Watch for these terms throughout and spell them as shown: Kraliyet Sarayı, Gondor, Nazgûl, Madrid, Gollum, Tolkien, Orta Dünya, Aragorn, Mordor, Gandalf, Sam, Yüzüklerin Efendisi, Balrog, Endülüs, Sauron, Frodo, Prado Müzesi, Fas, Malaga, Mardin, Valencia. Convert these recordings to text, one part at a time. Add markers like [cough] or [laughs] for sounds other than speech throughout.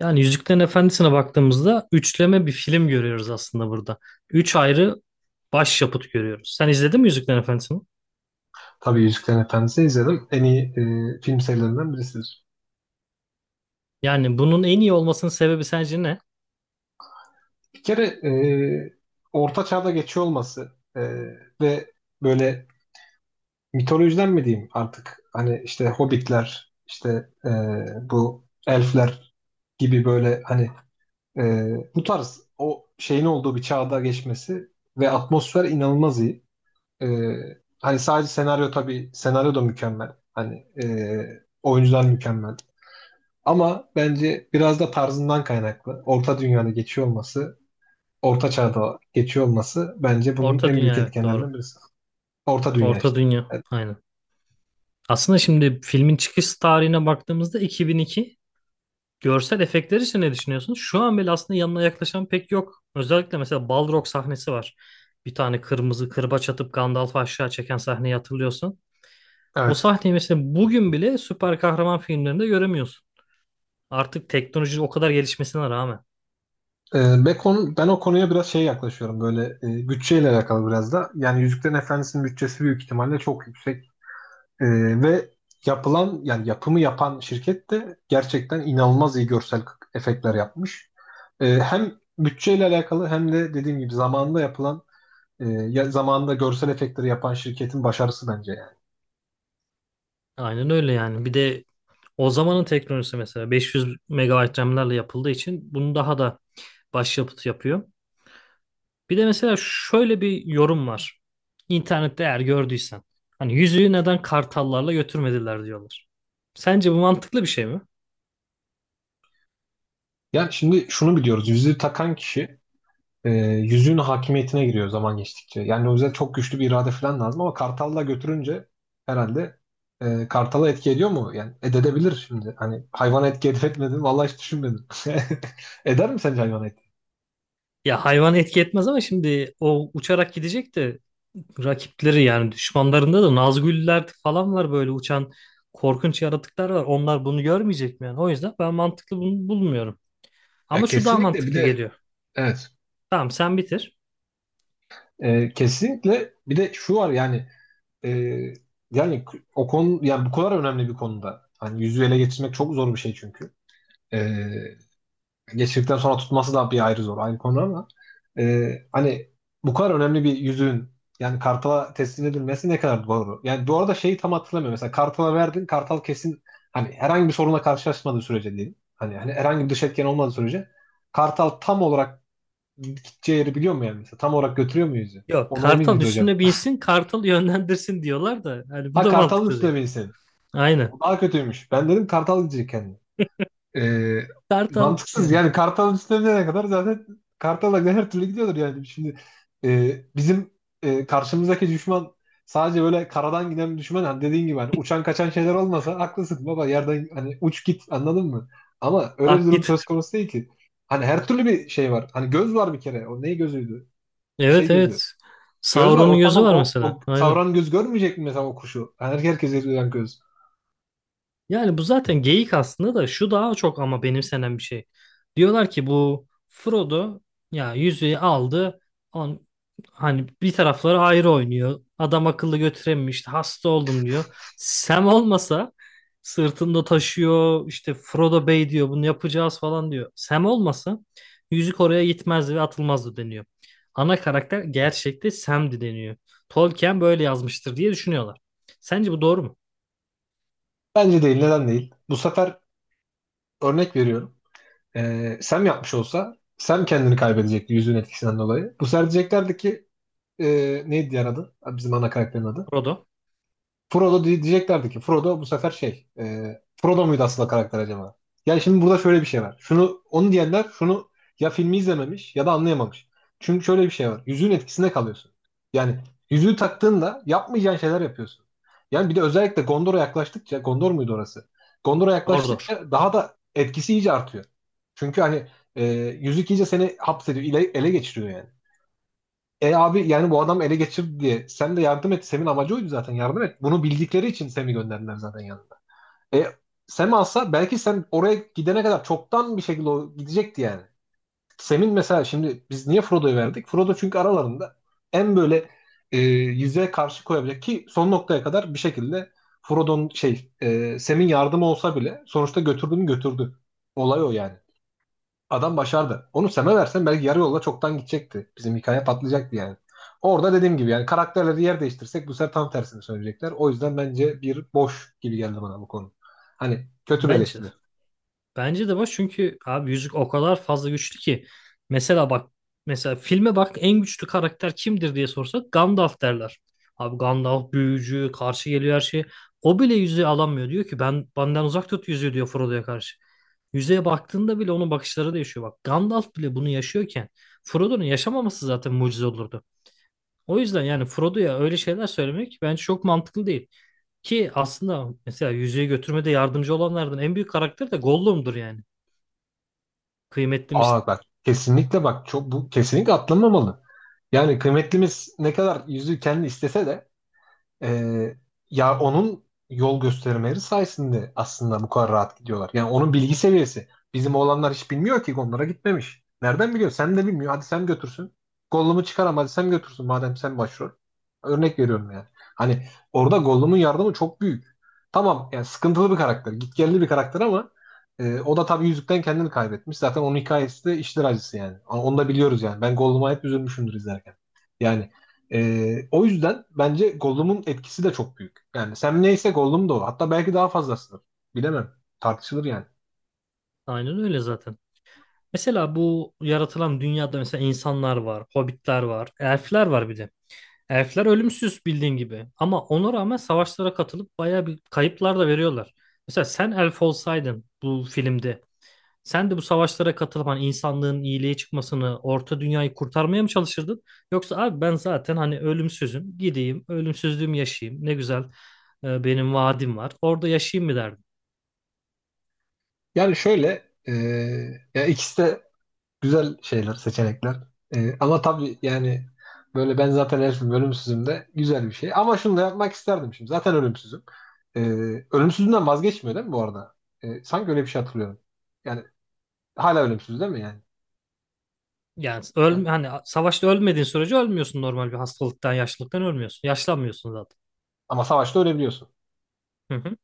Yani Yüzüklerin Efendisi'ne baktığımızda üçleme bir film görüyoruz aslında burada. Üç ayrı başyapıt görüyoruz. Sen izledin mi Yüzüklerin Efendisi'ni? Tabii Yüzüklerin Efendisi izledim. En iyi film serilerinden birisidir. Yani bunun en iyi olmasının sebebi sence ne? Bir kere Orta Çağ'da geçiyor olması ve böyle mitolojiden mi diyeyim artık hani işte hobbitler işte e, bu elfler gibi böyle hani e, bu tarz o şeyin olduğu bir çağda geçmesi ve atmosfer inanılmaz iyi. E, Hani sadece senaryo tabii senaryo da mükemmel. Hani e, oyuncular mükemmel. Ama bence biraz da tarzından kaynaklı. Orta dünyada geçiyor olması, orta çağda geçiyor olması bence bunun Orta en büyük Dünya, evet, doğru. etkenlerinden birisi. Orta dünya Orta işte. Dünya, aynen. Aslında şimdi filmin çıkış tarihine baktığımızda 2002. Görsel efektler için ne düşünüyorsun? Şu an bile aslında yanına yaklaşan pek yok. Özellikle mesela Balrog sahnesi var. Bir tane kırmızı kırbaç atıp Gandalf'ı aşağı çeken sahneyi hatırlıyorsan. O Evet. sahneyi mesela bugün bile süper kahraman filmlerinde göremiyorsun. Artık teknoloji o kadar gelişmesine rağmen. Ve konu, ben o konuya biraz şey yaklaşıyorum böyle bütçeyle alakalı biraz da. Yani Yüzüklerin Efendisi'nin bütçesi büyük ihtimalle çok yüksek. Ve yapılan yani yapımı yapan şirket de gerçekten inanılmaz iyi görsel efektler yapmış. Hem bütçeyle alakalı hem de dediğim gibi zamanında yapılan e, zamanında görsel efektleri yapan şirketin başarısı bence yani. Aynen öyle yani. Bir de o zamanın teknolojisi mesela 500 megabayt RAM'lerle yapıldığı için bunu daha da başyapıt yapıyor. Bir de mesela şöyle bir yorum var. İnternette eğer gördüysen. Hani yüzüğü neden kartallarla götürmediler diyorlar. Sence bu mantıklı bir şey mi? Ya şimdi şunu biliyoruz. Yüzüğü takan kişi yüzüğün hakimiyetine giriyor zaman geçtikçe. Yani o yüzden çok güçlü bir irade falan lazım ama Kartal'la götürünce herhalde Kartal'a etki ediyor mu? Yani edebilir şimdi. Hani hayvana etki edip etmedi mi? Vallahi hiç düşünmedim. [laughs] Eder mi sence hayvana etki? Ya hayvan etki etmez ama şimdi o uçarak gidecek de rakipleri, yani düşmanlarında da Nazgûl'ler falan var, böyle uçan korkunç yaratıklar var. Onlar bunu görmeyecek mi yani? O yüzden ben mantıklı bunu bulmuyorum. Ya Ama şu daha kesinlikle bir mantıklı de geliyor. evet. Tamam, sen bitir. Kesinlikle bir de şu var yani e, yani o konu yani bu kadar önemli bir konuda. Hani yüzüğü ele geçirmek çok zor bir şey çünkü. E, Geçirdikten sonra tutması da bir ayrı zor. Aynı konu ama hani bu kadar önemli bir yüzüğün yani kartala teslim edilmesi ne kadar doğru. Yani bu arada şeyi tam hatırlamıyorum. Mesela kartala verdin. Kartal kesin hani herhangi bir sorunla karşılaşmadığı sürece değil. Hani herhangi bir dış etken olmadığı sürece kartal tam olarak gideceği yeri biliyor mu yani? Mesela tam olarak götürüyor mu yüzüğü? Yok, Ona emin kartal miyiz hocam? üstüne binsin, kartal yönlendirsin diyorlar da yani bu Ha, da kartalın mantıklı üstüne değil. binsin. O Aynen. daha kötüymüş. Ben dedim kartal gidecek kendi. Ee, Kartal Mantıksız yani. yani Kartal üstüne ne kadar zaten Kartal'a her türlü gidiyordur yani. Şimdi bizim karşımızdaki düşman sadece böyle karadan giden bir düşman, hani dediğin gibi hani uçan kaçan şeyler olmasa haklısın baba, yerden hani uç git, anladın mı? Ama öyle bir Ah durum git. söz konusu değil ki. Hani her türlü bir şey var. Hani göz var bir kere. O ne gözüydü? Bir şey Evet, gözü. evet. Göz var. Sauron'un O gözü tamam. var O, mesela. o Aynen. savran göz görmeyecek mi mesela o kuşu? Yani herkes göz. Yani bu zaten geyik aslında da, şu daha çok ama benimsenen bir şey. Diyorlar ki bu Frodo ya yüzüğü aldı. On, hani bir tarafları ayrı oynuyor. Adam akıllı götürememişti. Hasta oldum diyor. Sam olmasa sırtında taşıyor. İşte Frodo Bey diyor, bunu yapacağız falan diyor. Sam olmasa yüzük oraya gitmezdi ve atılmazdı deniyor. Ana karakter gerçekte Sam'di deniyor. Tolkien böyle yazmıştır diye düşünüyorlar. Sence bu doğru mu? Bence değil. Neden değil? Bu sefer örnek veriyorum. Sam yapmış olsa Sam kendini kaybedecekti yüzüğün etkisinden dolayı. Bu sefer diyeceklerdi ki e, neydi diğer adı? Ha, bizim ana karakterin adı. Frodo, Diyeceklerdi ki Frodo bu sefer şey Frodo muydu aslında karakter acaba? Yani şimdi burada şöyle bir şey var. Şunu onu diyenler şunu ya filmi izlememiş ya da anlayamamış. Çünkü şöyle bir şey var. Yüzüğün etkisinde kalıyorsun. Yani yüzüğü taktığında yapmayacağın şeyler yapıyorsun. Yani bir de özellikle Gondor'a yaklaştıkça, Gondor muydu orası? Gondor'a Mordor. yaklaştıkça daha da etkisi iyice artıyor. Çünkü hani e, yüzük iyice seni hapsediyor, ele geçiriyor yani. E abi yani bu adam ele geçirdi diye. Sen de yardım et. Sem'in amacı oydu zaten. Yardım et. Bunu bildikleri için Sem'i gönderdiler zaten yanında. E Sem alsa belki Sem oraya gidene kadar çoktan bir şekilde o gidecekti yani. Sem'in mesela şimdi biz niye Frodo'yu verdik? Frodo çünkü aralarında en böyle yüzeye karşı koyabilecek ki son noktaya kadar bir şekilde Frodo'nun şey Sem'in yardımı olsa bile sonuçta götürdüğünü götürdü. Olay o yani. Adam başardı. Onu Sam'e versen belki yarı yolda çoktan gidecekti. Bizim hikaye patlayacaktı yani. Orada dediğim gibi yani karakterleri yer değiştirsek bu sefer tam tersini söyleyecekler. O yüzden bence bir boş gibi geldi bana bu konu. Hani kötü bir Bence. eleştiri. Bence de var, çünkü abi yüzük o kadar fazla güçlü ki. Mesela bak, mesela filme bak, en güçlü karakter kimdir diye sorsak Gandalf derler. Abi Gandalf büyücü, karşı geliyor her şeye. O bile yüzüğü alamıyor, diyor ki ben, benden uzak tut yüzüğü diyor Frodo'ya karşı. Yüzüğe baktığında bile onun bakışları değişiyor. Bak, Gandalf bile bunu yaşıyorken Frodo'nun yaşamaması zaten mucize olurdu. O yüzden yani Frodo'ya öyle şeyler söylemek bence çok mantıklı değil. Ki aslında mesela yüzüğü götürmede yardımcı olanlardan en büyük karakter de Gollum'dur yani. Kıymetlimiz, Aa bak kesinlikle bak çok bu kesinlikle atlanmamalı. Yani kıymetlimiz ne kadar yüzüğü kendi istese de Ee, ya onun yol göstermeleri sayesinde aslında bu kadar rahat gidiyorlar. Yani onun bilgi seviyesi. Bizim oğlanlar hiç bilmiyor ki, onlara gitmemiş. Nereden biliyor? Sen de bilmiyor. Hadi sen götürsün. Gollum'u çıkaram hadi sen götürsün madem sen başrol. Örnek veriyorum yani. Hani orada Gollum'un yardımı çok büyük. Tamam yani sıkıntılı bir karakter. Gitgelli bir karakter ama o da tabii yüzükten kendini kaybetmiş. Zaten onun hikayesi de işler acısı yani. Onu da biliyoruz yani. Ben Gollum'a hep üzülmüşümdür izlerken. Yani o yüzden bence Gollum'un etkisi de çok büyük. Yani Sam neyse Gollum da o. Hatta belki daha fazlasıdır. Bilemem. Tartışılır yani. aynen öyle zaten. Mesela bu yaratılan dünyada mesela insanlar var, hobbitler var, elfler var bir de. Elfler ölümsüz bildiğin gibi. Ama ona rağmen savaşlara katılıp bayağı bir kayıplar da veriyorlar. Mesela sen elf olsaydın bu filmde, sen de bu savaşlara katılıp hani insanlığın iyiliğe çıkmasını, orta dünyayı kurtarmaya mı çalışırdın? Yoksa abi ben zaten hani ölümsüzüm, gideyim, ölümsüzlüğümü yaşayayım. Ne güzel benim vaadim var. Orada yaşayayım mı derdin? Yani şöyle, ya ikisi de güzel şeyler, seçenekler. Ama tabii yani böyle ben zaten herifim ölümsüzüm de güzel bir şey. Ama şunu da yapmak isterdim şimdi. Zaten ölümsüzüm. Ee, Ölümsüzlüğünden vazgeçmiyor değil mi bu arada? Sanki öyle bir şey hatırlıyorum. Yani hala ölümsüz değil mi yani? Yani Ee, öl, hani savaşta ölmediğin sürece ölmüyorsun, normal bir hastalıktan, yaşlılıktan ölmüyorsun. Yaşlanmıyorsun zaten. Ama savaşta ölebiliyorsun. Hı hı.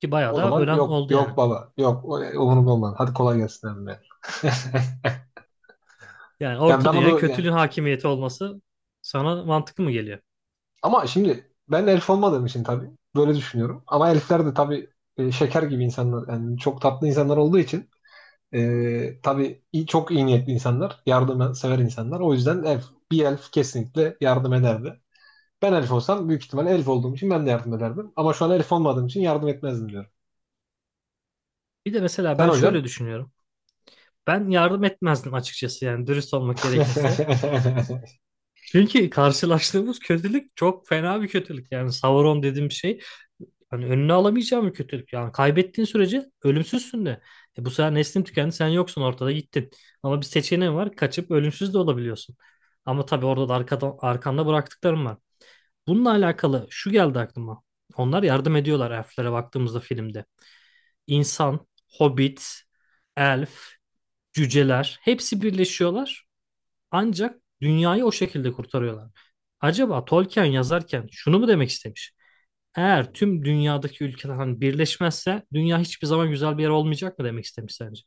Ki bayağı O da zaman ölen yok oldu yok yani. baba yok umurumda olmaz. Hadi kolay gelsin abi. [laughs] Yani Yani orta bana dünyaya da yani kötülüğün hakimiyeti olması sana mantıklı mı geliyor? ama şimdi ben elf olmadığım için tabii böyle düşünüyorum. Ama elfler de tabii şeker gibi insanlar yani çok tatlı insanlar olduğu için tabii çok iyi niyetli insanlar, yardım sever insanlar. O yüzden bir elf kesinlikle yardım ederdi. Ben elf olsam büyük ihtimalle elf olduğum için ben de yardım ederdim. Ama şu an elf olmadığım için yardım etmezdim diyorum. Bir de mesela Sen ben şöyle hocam? düşünüyorum. Ben yardım etmezdim açıkçası yani, dürüst olmak gerekirse. [laughs] Çünkü karşılaştığımız kötülük çok fena bir kötülük. Yani Sauron dediğim şey, hani önüne alamayacağım bir kötülük. Yani kaybettiğin sürece ölümsüzsün de. E bu sefer neslin tükendi, sen yoksun ortada, gittin. Ama bir seçeneğin var, kaçıp ölümsüz de olabiliyorsun. Ama tabii orada da arkanda bıraktıklarım var. Bununla alakalı şu geldi aklıma. Onlar yardım ediyorlar, elflere baktığımızda filmde. İnsan, hobbit, elf, cüceler hepsi birleşiyorlar, ancak dünyayı o şekilde kurtarıyorlar. Acaba Tolkien yazarken şunu mu demek istemiş? Eğer tüm dünyadaki ülkeler hani birleşmezse dünya hiçbir zaman güzel bir yer olmayacak mı demek istemiş sence?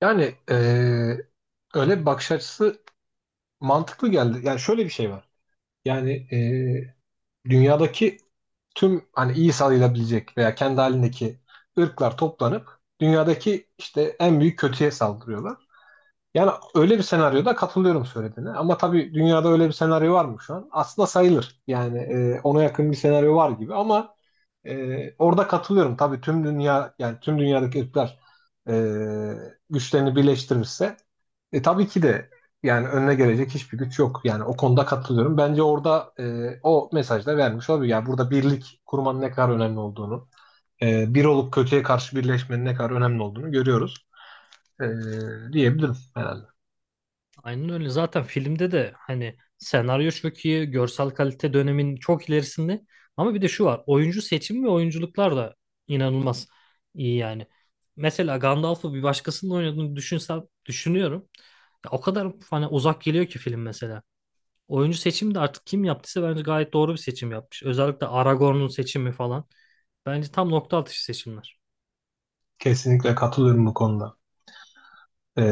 Yani öyle bir bakış açısı mantıklı geldi. Yani şöyle bir şey var. Yani dünyadaki tüm hani iyi sayılabilecek veya kendi halindeki ırklar toplanıp dünyadaki işte en büyük kötüye saldırıyorlar. Yani öyle bir senaryoda katılıyorum söylediğine. Ama tabii dünyada öyle bir senaryo var mı şu an? Aslında sayılır. Yani ona yakın bir senaryo var gibi ama orada katılıyorum. Tabii tüm dünya yani tüm dünyadaki ırklar e, güçlerini birleştirirse tabii ki de yani önüne gelecek hiçbir güç yok. Yani o konuda katılıyorum. Bence orada o mesaj da vermiş olabilir. Yani burada birlik kurmanın ne kadar önemli olduğunu, bir olup kötüye karşı birleşmenin ne kadar önemli olduğunu görüyoruz, e, diyebilirim herhalde. Aynen öyle. Zaten filmde de hani senaryo çok iyi, görsel kalite dönemin çok ilerisinde. Ama bir de şu var. Oyuncu seçimi ve oyunculuklar da inanılmaz iyi yani. Mesela Gandalf'ı bir başkasının oynadığını düşünsem düşünüyorum. Ya o kadar hani uzak geliyor ki film mesela. Oyuncu seçimi de artık kim yaptıysa bence gayet doğru bir seçim yapmış. Özellikle Aragorn'un seçimi falan. Bence tam nokta atışı seçimler. Kesinlikle katılıyorum bu konuda. E,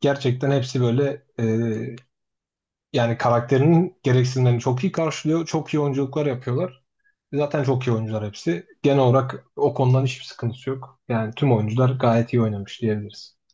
Gerçekten hepsi böyle yani karakterinin gereksinimlerini çok iyi karşılıyor. Çok iyi oyunculuklar yapıyorlar. Zaten çok iyi oyuncular hepsi. Genel olarak o konudan hiçbir sıkıntısı yok. Yani tüm oyuncular gayet iyi oynamış diyebiliriz.